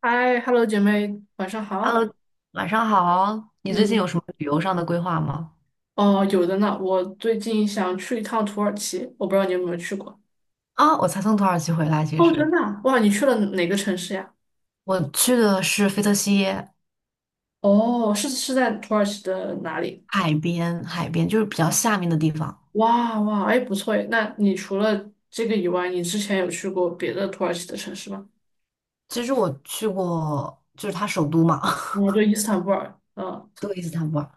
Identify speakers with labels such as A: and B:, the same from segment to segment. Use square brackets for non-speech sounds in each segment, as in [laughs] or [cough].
A: 嗨，Hello，姐妹，晚上好。
B: Hello，晚上好。你最近有
A: 嗯，
B: 什么旅游上的规划吗？
A: 哦，有的呢。我最近想去一趟土耳其，我不知道你有没有去过。
B: 啊，我才从土耳其回来，其
A: 哦，
B: 实
A: 真的啊哇，你去了哪个城市呀？
B: 我去的是菲特西耶
A: 哦，是，是在土耳其的哪里？
B: 海边，海边就是比较下面的地方。
A: 哇哇，哎，不错哎。那你除了这个以外，你之前有去过别的土耳其的城市吗？
B: 其实我去过，就是它首都嘛，
A: 哦，对，伊斯坦布尔。嗯，
B: [laughs] 对，伊斯坦布尔。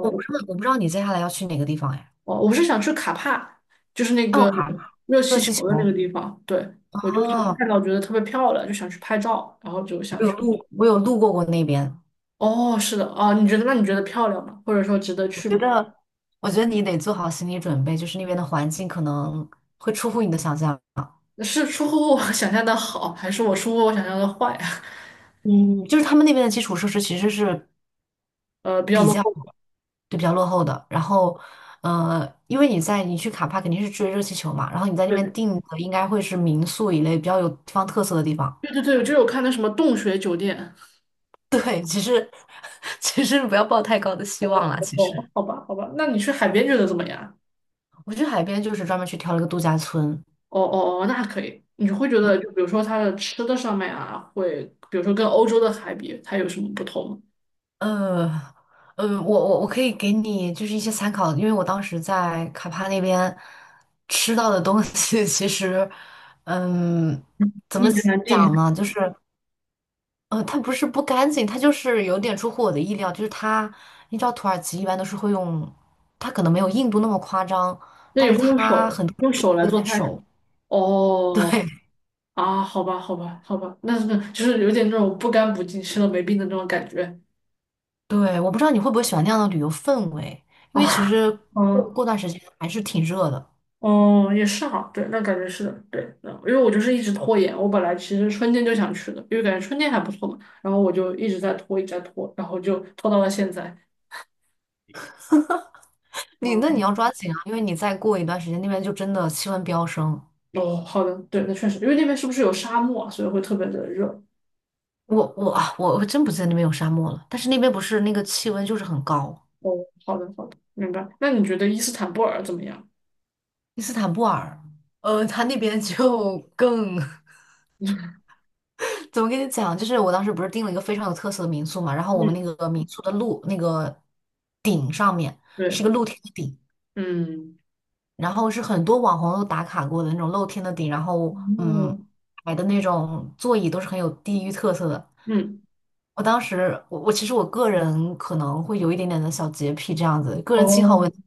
B: 我不知道你接下来要去哪个地方哎？
A: 哦，我是想去卡帕，就是那
B: 奥
A: 个
B: 卡、
A: 热
B: 热
A: 气
B: 气
A: 球的那个
B: 球
A: 地方。对，我就是
B: 啊，
A: 看到觉得特别漂亮，就想去拍照，然后就想去。
B: 我有路过过那边。
A: 哦，是的，哦，你觉得，那你觉得漂亮吗？或者说值得
B: 我
A: 去
B: 觉
A: 吗？
B: 得，我觉得你得做好心理准备，就是那边的环境可能会出乎你的想象。
A: 是出乎我 [laughs] 想象的好，还是我出乎我想象的坏啊？
B: 嗯，就是他们那边的基础设施其实是
A: [laughs] 比较
B: 比
A: 落
B: 较
A: 后。
B: 比较落后的。然后，因为你去卡帕肯定是追热气球嘛，然后你在那边
A: 对
B: 订的应该会是民宿一类比较有地方特色的地方。
A: 对对对，就是我看那什么洞穴酒店。
B: [laughs] 其实不要抱太高的希望了。
A: [laughs]
B: 其实
A: 哦，好吧好吧，那你去海边觉得怎么样啊？
B: 我去海边就是专门去挑了一个度假村。
A: 哦哦哦，那还可以。你会觉得，就比如说它的吃的上面啊，会比如说跟欧洲的海比，它有什么不同吗？
B: 呃，嗯，我可以给你就是一些参考，因为我当时在卡帕那边吃到的东西 [laughs]，其实，嗯，怎
A: 一
B: 么
A: 言难尽。
B: 讲呢？就是。它不是不干净，它就是有点出乎我的意料。就是它，你知道土耳其一般都是会用，它可能没有印度那么夸张，
A: 那
B: 但
A: 也
B: 是
A: 会用
B: 它
A: 手
B: 很多
A: 用
B: 人会
A: 手来
B: 依
A: 做
B: 赖
A: 菜是吗？
B: 手。[laughs] 对
A: 哦。啊，好吧，好吧，好吧，就是有点那种不干不净、吃了没病的那种感觉。
B: 对，我不知道你会不会喜欢那样的旅游氛围，因为其
A: 啊，
B: 实
A: 哦，
B: 过
A: 嗯
B: 过段时间还是挺热的。
A: 哦，也是哈，对，那感觉是的，对，那因为我就是一直拖延，我本来其实春天就想去的，因为感觉春天还不错嘛，然后我就一直在拖，一直在拖，然后就拖到了现在。
B: 你那你
A: 嗯，
B: 要抓紧啊，因为你再过一段时间那边就真的气温飙升。
A: 哦，好的，对，那确实，因为那边是不是有沙漠啊，所以会特别的热。
B: 我真不记得那边有沙漠了，但是那边不是那个气温就是很高，
A: 哦，好的，好的，明白。那你觉得伊斯坦布尔怎么样？
B: 伊斯坦布尔，它那边就更 [laughs]。
A: [laughs]
B: 怎么跟你讲？就是我当时不是订了一个非常有特色的民宿嘛，然后我们那
A: 嗯，
B: 个民宿的路那个顶上面是
A: 对，
B: 一个露天的顶，
A: 嗯，
B: 然后是很多网红都打卡过的那种露天的顶，然后嗯，
A: 哦，
B: 摆的那种座椅都是很有地域特色的。
A: 嗯，
B: 我当时其实个人可能会有一点点的小洁癖这样子，个人信号
A: 哦，
B: 问题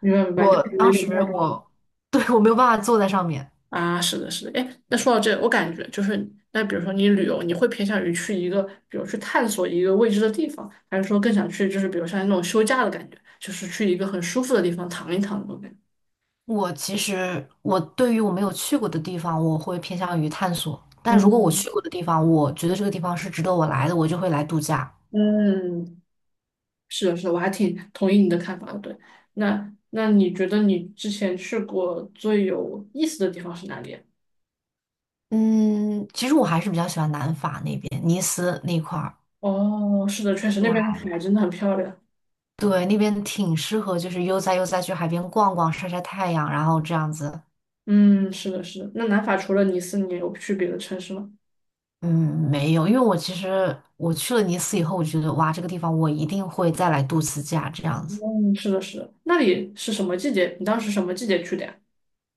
A: 明白明白，就
B: 我
A: 是有
B: 当
A: 点不太
B: 时
A: 敢。
B: 我 [laughs] 对我没有办法坐在上面。
A: 啊，是的，是的，哎，那说到这，我感觉就是，那比如说你旅游，你会偏向于去一个，比如去探索一个未知的地方，还是说更想去，就是比如像那种休假的感觉，就是去一个很舒服的地方躺一躺那种感觉？
B: 我其实对于我没有去过的地方，我会偏向于探索。但如果我
A: 嗯
B: 去过的地方，我觉得这个地方是值得我来的，我就会来度假。
A: 嗯，是的，是的，我还挺同意你的看法的。对，那你觉得你之前去过最有意思的地方是哪里啊？
B: 嗯，其实我还是比较喜欢南法那边，尼斯那块儿，
A: 哦，是的，确实
B: 对，
A: 那边的海真的很漂亮。
B: 对，那边挺适合，就是悠哉悠哉去海边逛逛，晒晒太阳，然后这样子。
A: 嗯，是的，是的。那南法除了尼斯，你有去别的城市吗？
B: 嗯，没有，因为我其实去了尼斯以后，我觉得哇，这个地方我一定会再来度次假，这样子。
A: 嗯，是的，是的。那里是什么季节？你当时什么季节去的呀？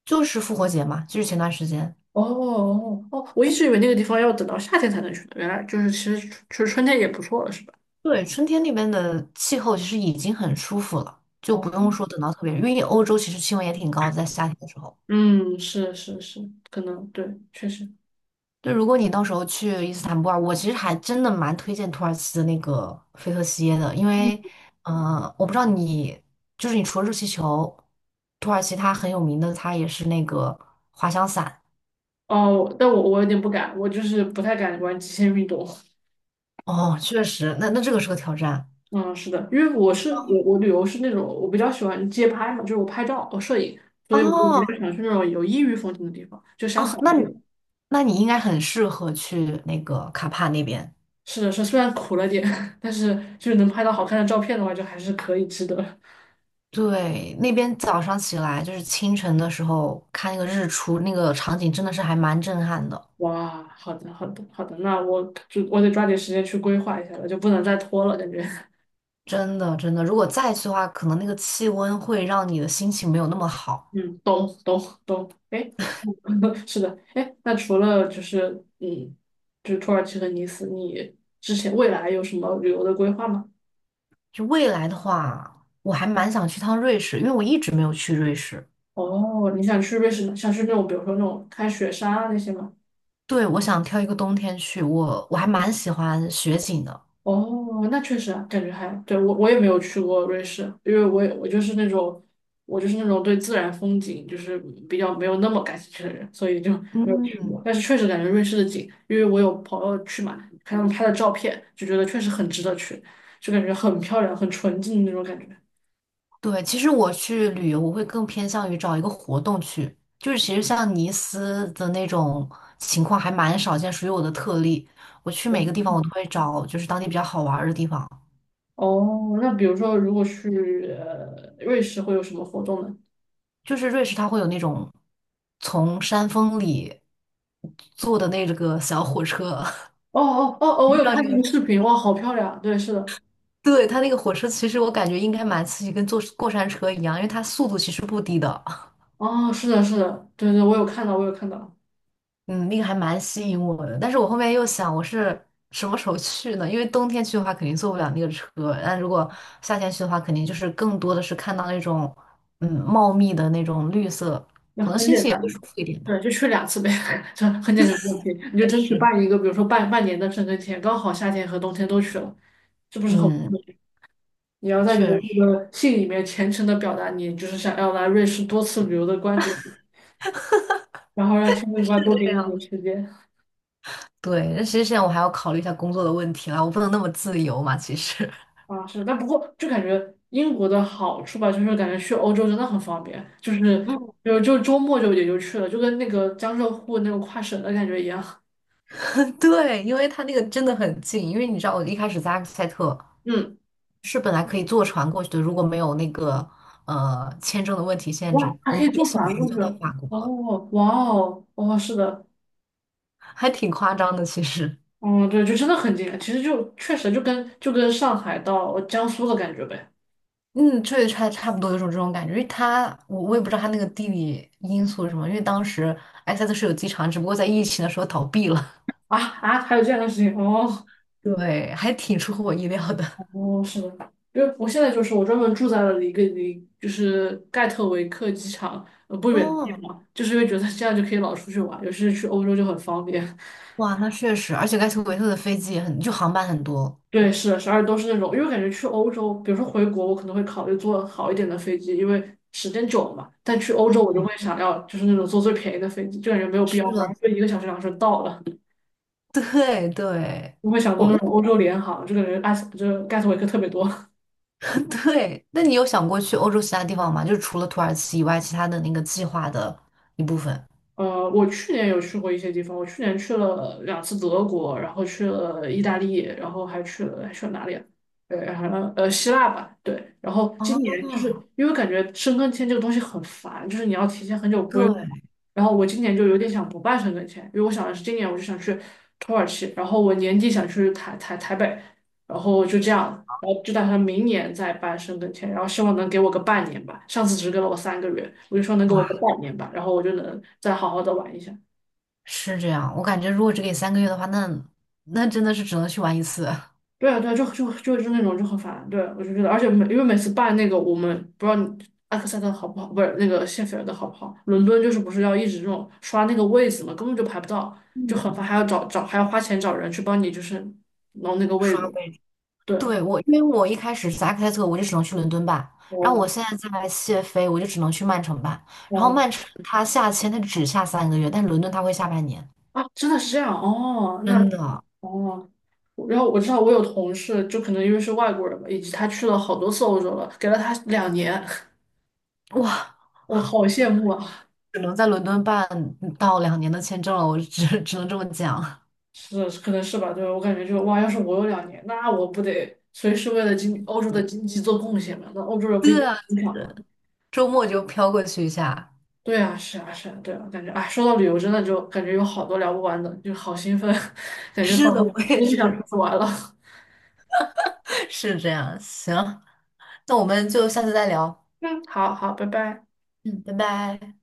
B: 就是复活节嘛，就是前段时间。
A: 哦哦哦，我一直以为那个地方要等到夏天才能去呢，原来就是其实春天也不错了，是吧？
B: 对，春天那边的气候其实已经很舒服了，就
A: 哦，
B: 不用说等到特别，因为欧洲其实气温也挺高的，在夏天的时候。
A: 嗯，是是是，可能对，确实。
B: 就如果你到时候去伊斯坦布尔，我其实还真的蛮推荐土耳其的那个菲特西耶的，因
A: 嗯，
B: 为，我不知道你，就是你除了热气球，土耳其它很有名的，它也是那个滑翔伞。
A: 哦，但我有点不敢，我就是不太敢玩极限运动。
B: 哦，确实，那那这个是个挑战。
A: 嗯，是的，因为我旅游是那种我比较喜欢街拍嘛，就是我拍照我摄影，所以我就比
B: 哦
A: 较想去那种有异域风情的地方，就想
B: 哦，
A: 扫
B: 那
A: 街。
B: 你那你应该很适合去那个卡帕那边。
A: 是的，是虽然苦了点，[laughs] 但是就是能拍到好看的照片的话，就还是可以值得。
B: 对，那边早上起来就是清晨的时候看那个日出，那个场景真的是还蛮震撼的，
A: 哇，好的，好的，好的，那我得抓紧时间去规划一下了，就不能再拖了，感觉。[laughs]
B: 真的真的。如果再去的话，可能那个气温会让你的心情没有那么好。
A: 嗯，懂，懂，懂。哎，[laughs] 是的，哎，那除了就是就是土耳其和尼斯，你之前未来有什么旅游的规划吗？
B: 就未来的话，我还蛮想去趟瑞士，因为我一直没有去瑞士。
A: 哦，你想去瑞士，想去那种比如说那种看雪山啊那些吗？
B: 对，我想挑一个冬天去，我还蛮喜欢雪景的。
A: 哦，那确实啊，感觉还，对，我也没有去过瑞士，因为我就是那种对自然风景就是比较没有那么感兴趣的人，所以就没有去
B: 嗯，
A: 过。但是确实感觉瑞士的景，因为我有朋友去嘛，看他们拍的照片，就觉得确实很值得去，就感觉很漂亮、很纯净的那种感觉。
B: 对，其实我去旅游，我会更偏向于找一个活动去，就是其实像尼斯的那种情况还蛮少见，属于我的特例。我去每个地方，我都会找就是当地比较好玩儿的地方。
A: 哦，那比如说如果去瑞士会有什么活动呢？
B: 就是瑞士，它会有那种从山峰里坐的那个小火车，
A: 哦哦哦
B: [laughs]
A: 哦，
B: 不
A: 我
B: 知
A: 有
B: 道
A: 看
B: 你
A: 那
B: 有？
A: 个视频，哇，好漂亮！对，是的，
B: 对，它那个火车，其实我感觉应该蛮刺激，跟坐过山车一样，因为它速度其实不低的。
A: 哦，是的，是的，对对，我有看到，我有看到。
B: 嗯，那个还蛮吸引我的，但是我后面又想，我是什么时候去呢？因为冬天去的话，肯定坐不了那个车，但如果夏天去的话，肯定就是更多的是看到那种，嗯，茂密的那种绿色，
A: 那很简
B: 也
A: 单
B: 会
A: 的。
B: 舒服一点吧。
A: 对，就去两次呗，[laughs] 这很简单的问题，你就
B: 但
A: 争取
B: 是，
A: 办一个，比如说半年的申根签，刚好夏天和冬天都去了，这不是很。
B: 嗯，
A: 你要在你
B: 确
A: 的
B: 实
A: 那
B: 是
A: 个信里面虔诚的表达你就是想要来瑞士多次旅游的观点，然后让签证官多给
B: 这
A: 你一
B: 样。
A: 点时间。
B: 对，那其实现在我还要考虑一下工作的问题啦，我不能那么自由嘛，其实。
A: 啊，是，但不过就感觉英国的好处吧，就是感觉去欧洲真的很方便，就是
B: [laughs]
A: 就就周末就也就去了，就跟那个江浙沪那种跨省的感觉一样。
B: 嗯，对，因为它那个真的很近，因为你知道我一开始在阿克塞特，
A: 嗯。
B: 是本来可以坐船过去的，如果没有那个签证的问题限
A: 哇，
B: 制，
A: 还
B: 我
A: 可
B: 们
A: 以
B: 一
A: 坐
B: 个小
A: 船
B: 时
A: 过
B: 就
A: 去，
B: 到法国了，
A: 哦，哇哦，哦，是的，
B: 还挺夸张的。其实，
A: 嗯，对，就真的很近，其实就确实就跟上海到江苏的感觉呗。
B: 嗯，确实差不多有种这种感觉，因为它我也不知道它那个地理因素是什么，因为当时埃塞特是有机场，只不过在疫情的时候倒闭了，
A: 啊啊，还有这样的事情，哦
B: [laughs] 对，还挺出乎我意料的。
A: 哦，是的，因为我现在就是我专门住在了一个离就是盖特维克机场不远的地
B: 哦，
A: 方，就是因为觉得这样就可以老出去玩，尤其是去欧洲就很方便。
B: 哇，那确实，而且盖特维特的飞机也很，就航班很多。
A: 对，是十二都是那种，因为感觉去欧洲，比如说回国，我可能会考虑坐好一点的飞机，因为时间久了嘛。但去欧洲，我
B: 嗯，
A: 就会想要就是那种坐最便宜的飞机，就感觉没有必
B: 是
A: 要，反
B: 的，
A: 正就1个小时、2个小时到了。
B: [laughs] 对对，
A: 我会想坐
B: 我
A: 那
B: 那
A: 种欧洲联航，就感觉埃斯，就是盖斯维克特别多。
B: 对，那你有想过去欧洲其他地方吗？就是除了土耳其以外，其他的那个计划的一部分。
A: 我去年有去过一些地方，我去年去了两次德国，然后去了意大利，然后还去了哪里啊？对，然后希腊吧，对。然后今
B: 哦，
A: 年就是因为感觉申根签这个东西很烦，就是你要提前很久规划。
B: 对，
A: 然后我今年就有点想不办申根签，因为我想的是今年我就想去土耳其，然后我年底想去台北，然后就这样，然后就打算明年再办申根签，然后希望能给我个半年吧。上次只给了我3个月，我就说能给我个
B: 哇，
A: 半年吧，然后我就能再好好的玩一下。
B: 是这样。我感觉如果只给三个月的话，那真的是只能去玩一次，
A: 对啊，对啊，就是那种就很烦，对啊，我就觉得，而且因为每次办那个，我们不知道你埃克塞特好不好，不是那个谢菲尔德好不好，伦敦就是不是要一直这种刷那个位子嘛，根本就排不到，就很烦，还要找找还要花钱找人去帮你就是弄那个位
B: 刷
A: 子，
B: 位置。
A: 对。
B: 对，我，因为我一开始是扎克塞特，我就只能去伦敦办，然后
A: 哦，
B: 我现在在谢飞，我就只能去曼城办。然后
A: 哦，
B: 曼城它下签，它只下三个月，但是伦敦它会下半年。
A: 啊，真的是这样哦，那
B: 真的，
A: 哦，然后我知道我有同事，就可能因为是外国人嘛，以及他去了好多次欧洲了，给了他两年，
B: 哇，
A: [laughs] 我好羡慕啊！
B: 只能在伦敦办到2年的签证了，我只能这么讲。
A: 是，可能是吧，对，我感觉就哇，要是我有两年，那我不得随时为了经欧洲的
B: [laughs]
A: 经济做贡献嘛？那欧洲人不应
B: 对，
A: 该
B: 啊。
A: 很响吗？
B: 周末就飘过去一下。
A: 对啊，是啊，是啊，对啊，感觉哎，说到旅游，真的就感觉有好多聊不完的，就好兴奋，[laughs]
B: [laughs]
A: 感觉
B: 是
A: 仿佛
B: 的，
A: 明
B: 我也
A: 天就想出
B: 是。
A: 去玩了。[laughs]
B: [laughs] 是这样，行，那我们就下次再聊。
A: 嗯，好好，拜拜。
B: 嗯，拜拜。